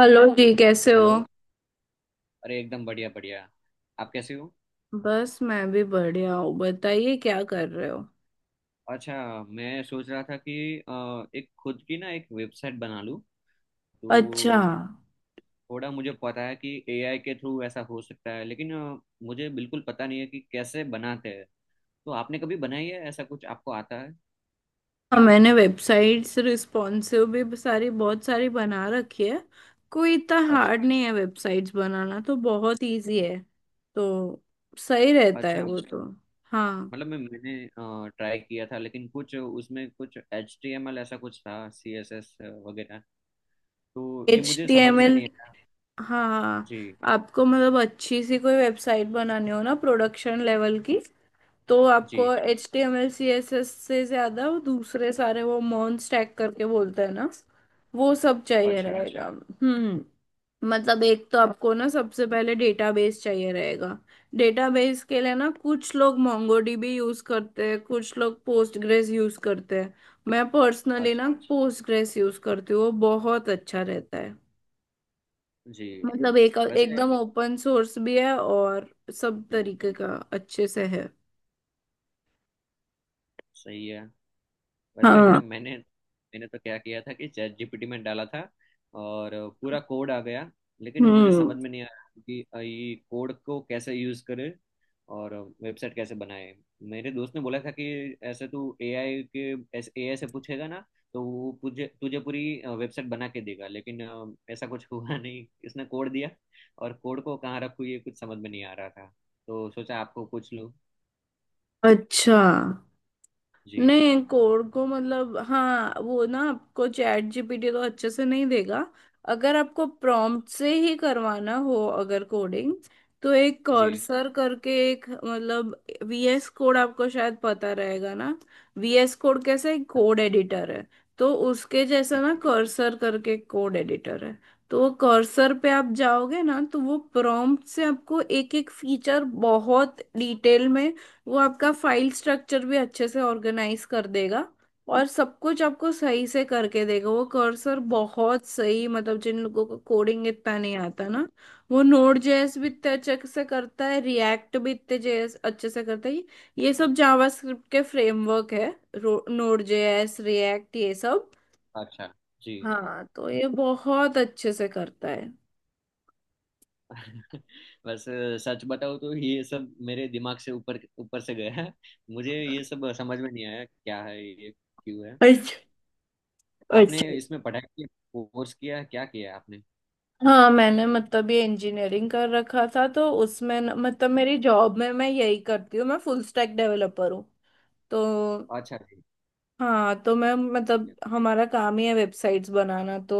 Hello जी, कैसे हो? हेलो। अरे एकदम बढ़िया बढ़िया। आप कैसे हो? बस मैं भी बढ़िया हूँ, बताइए क्या कर रहे हो? अच्छा। मैं सोच रहा था कि एक खुद की ना एक वेबसाइट बना लूँ अच्छा। तो थोड़ा मुझे पता है कि एआई के थ्रू ऐसा हो सकता है, लेकिन मुझे बिल्कुल पता नहीं है कि कैसे बनाते हैं। तो आपने कभी बनाई है ऐसा कुछ? आपको आता है? हाँ, मैंने वेबसाइट्स रिस्पॉन्सिव भी सारी बहुत सारी बना रखी है। कोई इतना अच्छा। हार्ड नहीं है, वेबसाइट्स बनाना तो बहुत इजी है। तो सही रहता है अच्छा। वो तो। हाँ। मतलब मैंने ट्राई किया था, लेकिन कुछ उसमें कुछ HTML ऐसा कुछ था, CSS वगैरह। तो ये एच मुझे टी समझ एम में एल। नहीं आया। हाँ हाँ। जी। आपको मतलब अच्छी सी कोई वेबसाइट बनानी हो ना प्रोडक्शन लेवल की, तो आपको जी। HTML CSS से ज्यादा वो दूसरे सारे वो मॉन स्टैक करके बोलते हैं ना, वो सब चाहिए अच्छा। रहेगा। हम्म। मतलब एक तो आपको ना सबसे पहले डेटाबेस चाहिए रहेगा। डेटाबेस के लिए ना कुछ लोग MongoDB यूज करते हैं, कुछ लोग पोस्टग्रेस यूज करते हैं। मैं पर्सनली अच्छा। ना पोस्टग्रेस यूज करती हूँ, वो बहुत अच्छा रहता है। जी। मतलब एक वैसे एकदम ओपन सोर्स भी है और सब जी, तरीके का अच्छे से है। सही है। वैसे हाँ। मैंने मैंने तो क्या किया था कि चैट जीपीटी में डाला था और पूरा कोड आ गया। लेकिन वो मुझे हम्म। समझ में नहीं आया कि ये कोड को कैसे यूज करे और वेबसाइट कैसे बनाए। मेरे दोस्त ने बोला था कि ऐसे तू एआई से पूछेगा ना तो वो तुझे तुझे पूरी वेबसाइट बना के देगा, लेकिन ऐसा कुछ हुआ नहीं। इसने कोड दिया और कोड को कहाँ रखूँ ये कुछ समझ में नहीं आ रहा था। तो सोचा आपको पूछ लूँ। अच्छा। जी। नहीं, कोड को मतलब हाँ वो ना आपको चैट GPT तो अच्छे से नहीं देगा। अगर आपको प्रॉम्प्ट से ही करवाना हो अगर कोडिंग, तो एक जी। कर्सर करके एक मतलब VS कोड आपको शायद पता रहेगा ना। VS कोड कैसे एक कोड अच्छा। एडिटर है। तो उसके जी जैसा ना जी कर्सर करके कोड एडिटर है। तो वो कर्सर पे आप जाओगे ना तो वो प्रॉम्प्ट से आपको एक एक फीचर बहुत डिटेल में, वो आपका फाइल स्ट्रक्चर भी अच्छे से ऑर्गेनाइज कर देगा। और सब कुछ आपको सही से करके देगा। वो कर्सर बहुत सही मतलब जिन लोगों को कोडिंग इतना नहीं आता ना, वो Node JS भी जी, इतने अच्छे से करता है, रिएक्ट भी इतने जेएस अच्छे से करता है। ये सब जावास्क्रिप्ट के फ्रेमवर्क है, Node JS रिएक्ट ये सब। अच्छा जी। हाँ तो ये बहुत अच्छे से करता है। बस सच बताऊं तो ये सब मेरे दिमाग से ऊपर ऊपर से गया है। मुझे ये सब समझ में नहीं आया, क्या है ये, क्यों है। अच्छा। आपने अच्छा। इसमें पढ़ाई की? कोर्स किया है? क्या किया है आपने? हाँ मैंने मतलब ये इंजीनियरिंग कर रखा था तो उसमें मतलब मेरी जॉब में मैं यही करती हूँ, मैं फुल स्टैक डेवलपर हूँ। तो अच्छा जी। हाँ तो मैं ठीक मतलब है। हमारा काम ही है वेबसाइट्स बनाना तो।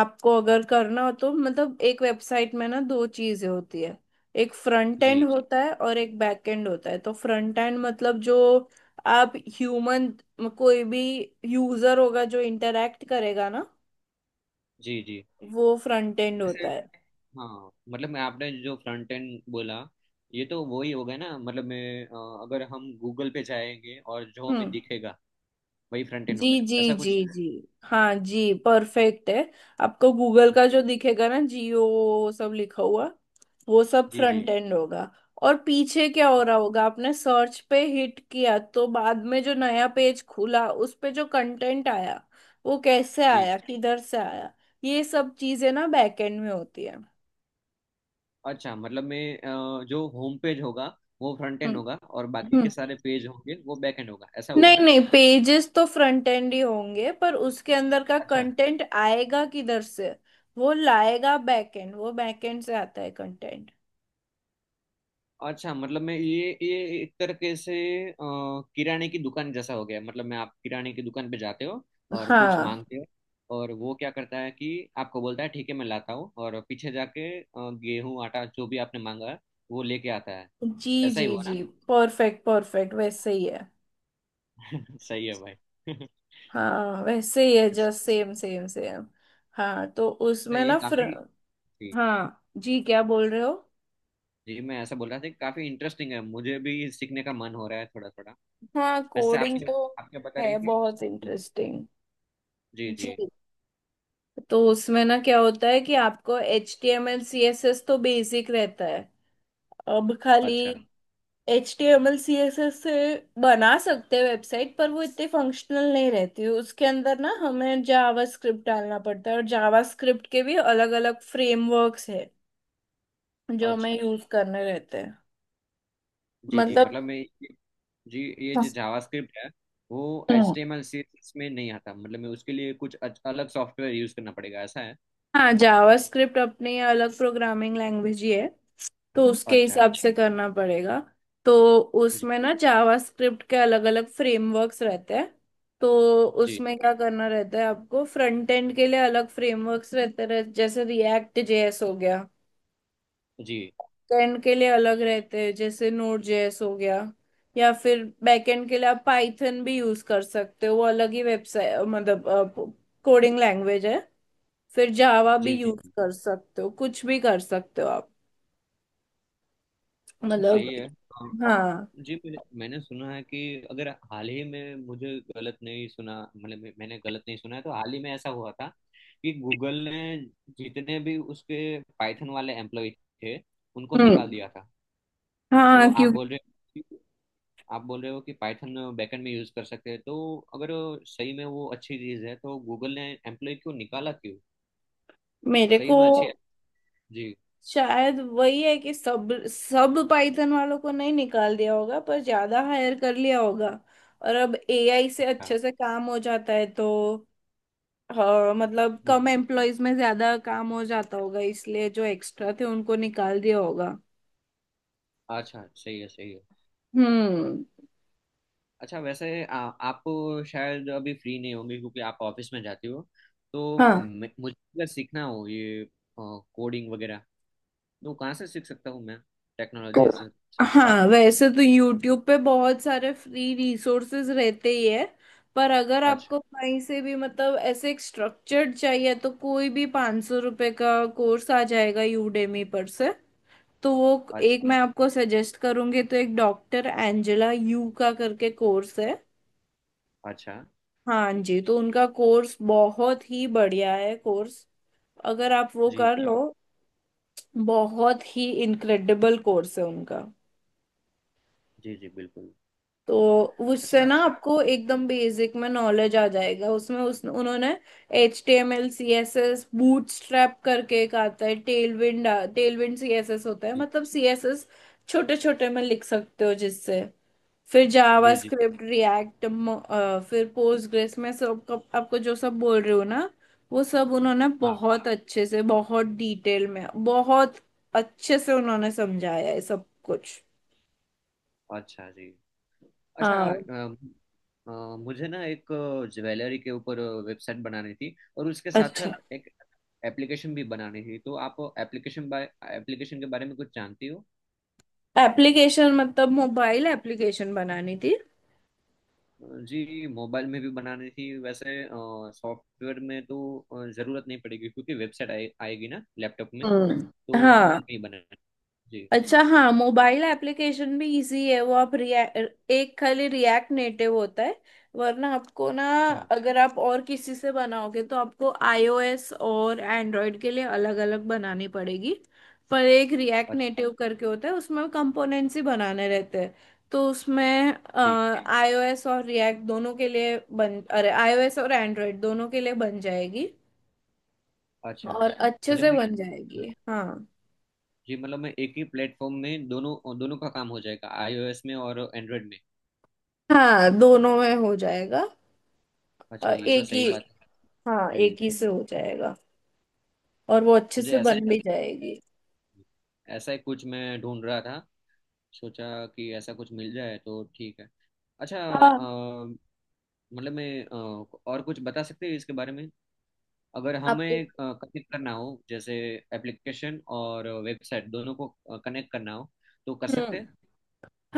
आपको अगर करना हो तो मतलब एक वेबसाइट में ना दो चीजें होती है। एक फ्रंट एंड जी। होता है और एक बैक एंड होता है। तो फ्रंट एंड मतलब जो आप ह्यूमन कोई भी यूजर होगा जो इंटरेक्ट करेगा ना, जी। जी। वो फ्रंट एंड जैसे होता है। हाँ, मतलब मैं, आपने जो फ्रंट एंड बोला ये तो वही हो गया ना। मतलब मैं अगर हम गूगल पे जाएंगे और जो हमें हम्म। दिखेगा वही फ्रंट एंड हो जी गया, जी ऐसा जी कुछ? जी। हाँ जी, परफेक्ट है। आपको गूगल का जो जी दिखेगा ना जियो सब लिखा हुआ, वो सब जी जी फ्रंट एंड होगा। और पीछे क्या हो रहा होगा, आपने सर्च पे हिट किया तो बाद में जो नया पेज खुला उस पे जो कंटेंट आया, वो कैसे जी। आया किधर से आया, ये सब चीजें ना बैक एंड में होती है। अच्छा। मतलब मैं जो होम पेज होगा वो फ्रंट एंड होगा और बाकी हम्म। के सारे पेज होंगे वो बैक एंड होगा, ऐसा होगा नहीं ना? नहीं, पेजेस तो फ्रंट एंड ही होंगे पर उसके अंदर का अच्छा। कंटेंट आएगा किधर से, वो लाएगा बैक एंड, वो बैक एंड से आता है कंटेंट। अच्छा मतलब मैं ये एक तरीके से अ, किराने की दुकान जैसा हो गया। मतलब मैं आप किराने की दुकान पे जाते हो और कुछ हाँ मांगते हो, और वो क्या करता है कि आपको बोलता है ठीक है मैं लाता हूँ, और पीछे जाके गेहूं आटा जो भी आपने मांगा है वो लेके आता है। जी ऐसा ही जी हुआ ना? जी। परफेक्ट परफेक्ट, वैसे ही है। सही है भाई। हाँ वैसे ही है, जस्ट अच्छा, सेम सेम सेम। हाँ तो उसमें ये ना काफी। जी। हाँ जी, क्या बोल रहे हो? जी, मैं ऐसा बोल रहा था कि काफी इंटरेस्टिंग है। मुझे भी सीखने का मन हो रहा है थोड़ा थोड़ा। हाँ वैसे कोडिंग आपकी, तो आप क्या बता रही है थी? बहुत जी। इंटरेस्टिंग। जी जी। जी। तो उसमें ना क्या होता है कि आपको H T M L C S S तो बेसिक रहता है। अब खाली अच्छा। HTML CSS से बना सकते हैं वेबसाइट पर वो इतनी फंक्शनल नहीं रहती। उसके अंदर ना हमें जावा स्क्रिप्ट डालना पड़ता है और जावा स्क्रिप्ट के भी अलग अलग फ्रेमवर्क्स है जो अच्छा हमें यूज करने रहते हैं। जी। जी मतलब। मतलब मैं, जी ये जो जावास्क्रिप्ट है वो H hmm. T M L CSS में नहीं आता। मतलब मैं उसके लिए कुछ अलग सॉफ्टवेयर यूज करना पड़ेगा, ऐसा है? हाँ जावास्क्रिप्ट अपनी अलग प्रोग्रामिंग लैंग्वेज ही है, तो उसके अच्छा। हिसाब से करना पड़ेगा। तो जी। उसमें ना जावास्क्रिप्ट के अलग अलग फ्रेमवर्क्स रहते हैं। तो जी। उसमें क्या करना रहता है आपको फ्रंट एंड के लिए अलग फ्रेमवर्क्स रहते रह जैसे React JS हो गया। जी। एंड के लिए अलग रहते हैं जैसे Node JS हो गया। या फिर बैकएंड के लिए आप पाइथन भी यूज कर सकते हो, वो अलग ही वेबसाइट मतलब कोडिंग लैंग्वेज है। फिर जावा भी जी जी। यूज कर सकते हो, कुछ भी कर सकते हो आप। अच्छा मतलब सही है। हाँ। जी मैंने मैंने सुना है कि अगर हाल ही में मुझे गलत नहीं सुना, मतलब मैंने गलत नहीं सुना है, तो हाल ही में ऐसा हुआ था कि गूगल ने जितने भी उसके पाइथन वाले एम्प्लॉय थे उनको निकाल हम्म। दिया था। तो हाँ क्योंकि आप बोल रहे हो कि पाइथन बैकएंड में यूज कर सकते हैं, तो अगर सही में वो अच्छी चीज है तो गूगल ने एम्प्लॉय क्यों निकाला, क्यों? मेरे सही को में अच्छी है? जी। शायद वही है कि सब सब पाइथन वालों को नहीं निकाल दिया होगा पर ज्यादा हायर कर लिया होगा। और अब AI से अच्छा। अच्छे से काम हो जाता है तो हाँ, मतलब जी। कम जी। एम्प्लॉयज में ज्यादा काम हो जाता होगा इसलिए जो एक्स्ट्रा थे उनको निकाल दिया होगा। अच्छा सही है सही है। हम्म। अच्छा वैसे आप शायद अभी फ्री नहीं होंगे क्योंकि आप ऑफिस में जाती हो, तो हाँ मुझे अगर सीखना हो ये कोडिंग वगैरह तो कहाँ से सीख सकता हूँ मैं, तो टेक्नोलॉजी से सब? हाँ वैसे तो YouTube पे बहुत सारे फ्री रिसोर्सेज रहते ही है। पर अगर अच्छा। आपको कहीं से भी मतलब ऐसे एक स्ट्रक्चर्ड चाहिए तो कोई भी 500 रुपये का कोर्स आ जाएगा Udemy पर से। तो वो अच्छा। एक मैं आपको सजेस्ट करूंगी तो एक डॉक्टर एंजेला यू का करके कोर्स है। अच्छा। हाँ जी, तो उनका कोर्स बहुत ही बढ़िया है कोर्स। अगर आप वो जी कर लो, बहुत ही इनक्रेडिबल कोर्स है उनका। जी जी, बिल्कुल। तो उससे अच्छा ना आपको जी। एकदम बेसिक में नॉलेज आ जाएगा। उसमें उस उन्होंने HTML CSS बूटस्ट्रैप करके एक आता है टेलविंड। टेलविंड CSS होता है, जी मतलब CSS छोटे छोटे में लिख सकते हो जिससे। फिर जावा जी जी। Script React. फिर पोस्टग्रेस में आपको जो सब बोल रहे हो ना, वो सब उन्होंने हाँ। बहुत अच्छे से बहुत डिटेल में बहुत अच्छे से उन्होंने समझाया है सब कुछ। अच्छा जी। अच्छा हाँ। मुझे ना एक ज्वेलरी के ऊपर वेबसाइट बनानी थी, और उसके साथ अच्छा। साथ एक एप्लीकेशन भी बनानी थी। तो आप एप्लीकेशन, बाय एप्लीकेशन के बारे में कुछ जानती हो? एप्लीकेशन मतलब मोबाइल एप्लीकेशन बनानी थी? जी मोबाइल में भी बनानी थी। वैसे सॉफ्टवेयर में तो जरूरत नहीं पड़ेगी क्योंकि वेबसाइट आएगी ना लैपटॉप में। हम्म। तो हाँ। मोबाइल में ही बनाना है। जी। अच्छा हाँ, मोबाइल एप्लीकेशन भी इजी है। वो आप रिएक्ट एक खाली रिएक्ट नेटिव होता है। वरना आपको ना अच्छा। अगर आप और किसी से बनाओगे तो आपको iOS और एंड्रॉयड के लिए अलग अलग बनानी पड़ेगी। पर एक रिएक्ट अच्छा नेटिव करके होता है उसमें कंपोनेंट्स ही बनाने रहते हैं। तो उसमें जी। iOS और रिएक्ट दोनों के लिए बन अरे iOS और एंड्रॉयड दोनों के लिए बन जाएगी। अच्छा और अच्छे मतलब से मैं, बन जाएगी। हाँ। जी मतलब मैं एक ही प्लेटफॉर्म में दोनों दोनों का काम हो जाएगा, आईओएस में और एंड्रॉयड में? हाँ दोनों में हो जाएगा। अच्छा, ये तो एक ही, सही बात है। हाँ जी एक ही से हो जाएगा। और वो अच्छे मुझे से बन भी जाएगी। ऐसा ही कुछ मैं ढूंढ रहा था। सोचा कि ऐसा कुछ मिल जाए तो ठीक है। अच्छा हाँ। मतलब मैं और कुछ बता सकते हैं इसके बारे में? अगर हमें आपको। कनेक्ट करना हो, जैसे एप्लीकेशन और वेबसाइट दोनों को कनेक्ट करना हो, तो कर सकते हम्म। हैं?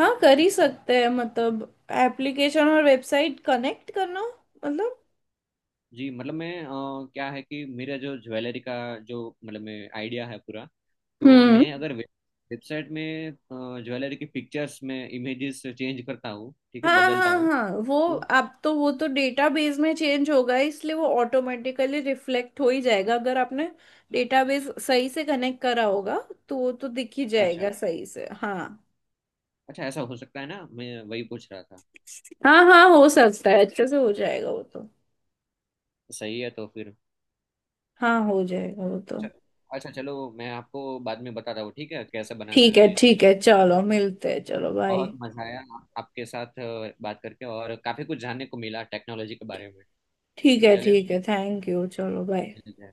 हाँ कर ही सकते हैं मतलब एप्लीकेशन और वेबसाइट कनेक्ट करना मतलब। जी मतलब मैं क्या है कि मेरा जो ज्वेलरी का जो मतलब मैं आइडिया है पूरा। तो हम्म। मैं अगर वेबसाइट में ज्वेलरी की पिक्चर्स में इमेजेस चेंज करता हूँ, ठीक है, हाँ बदलता हाँ हूँ हाँ, वो तो, आप तो वो तो डेटाबेस में चेंज होगा इसलिए वो ऑटोमेटिकली रिफ्लेक्ट हो ही जाएगा अगर आपने डेटाबेस सही से कनेक्ट करा होगा। तो वो तो दिख ही अच्छा। जाएगा सही से, हाँ। अच्छा ऐसा हो सकता है ना? मैं वही पूछ रहा था। हाँ हाँ हो सकता है, अच्छे से हो जाएगा वो तो। सही है तो फिर, हाँ हो जाएगा वो तो। च- अच्छा चलो मैं आपको बाद में बताता हूँ, ठीक है, कैसे बनाना ठीक है है ये सब। ठीक है, चलो मिलते हैं, चलो बाय। बहुत मजा आया आपके साथ बात करके, और काफी कुछ जानने को मिला टेक्नोलॉजी के बारे में। ठीक है चलिए ठीक है, थैंक यू, चलो बाय। मिलते हैं।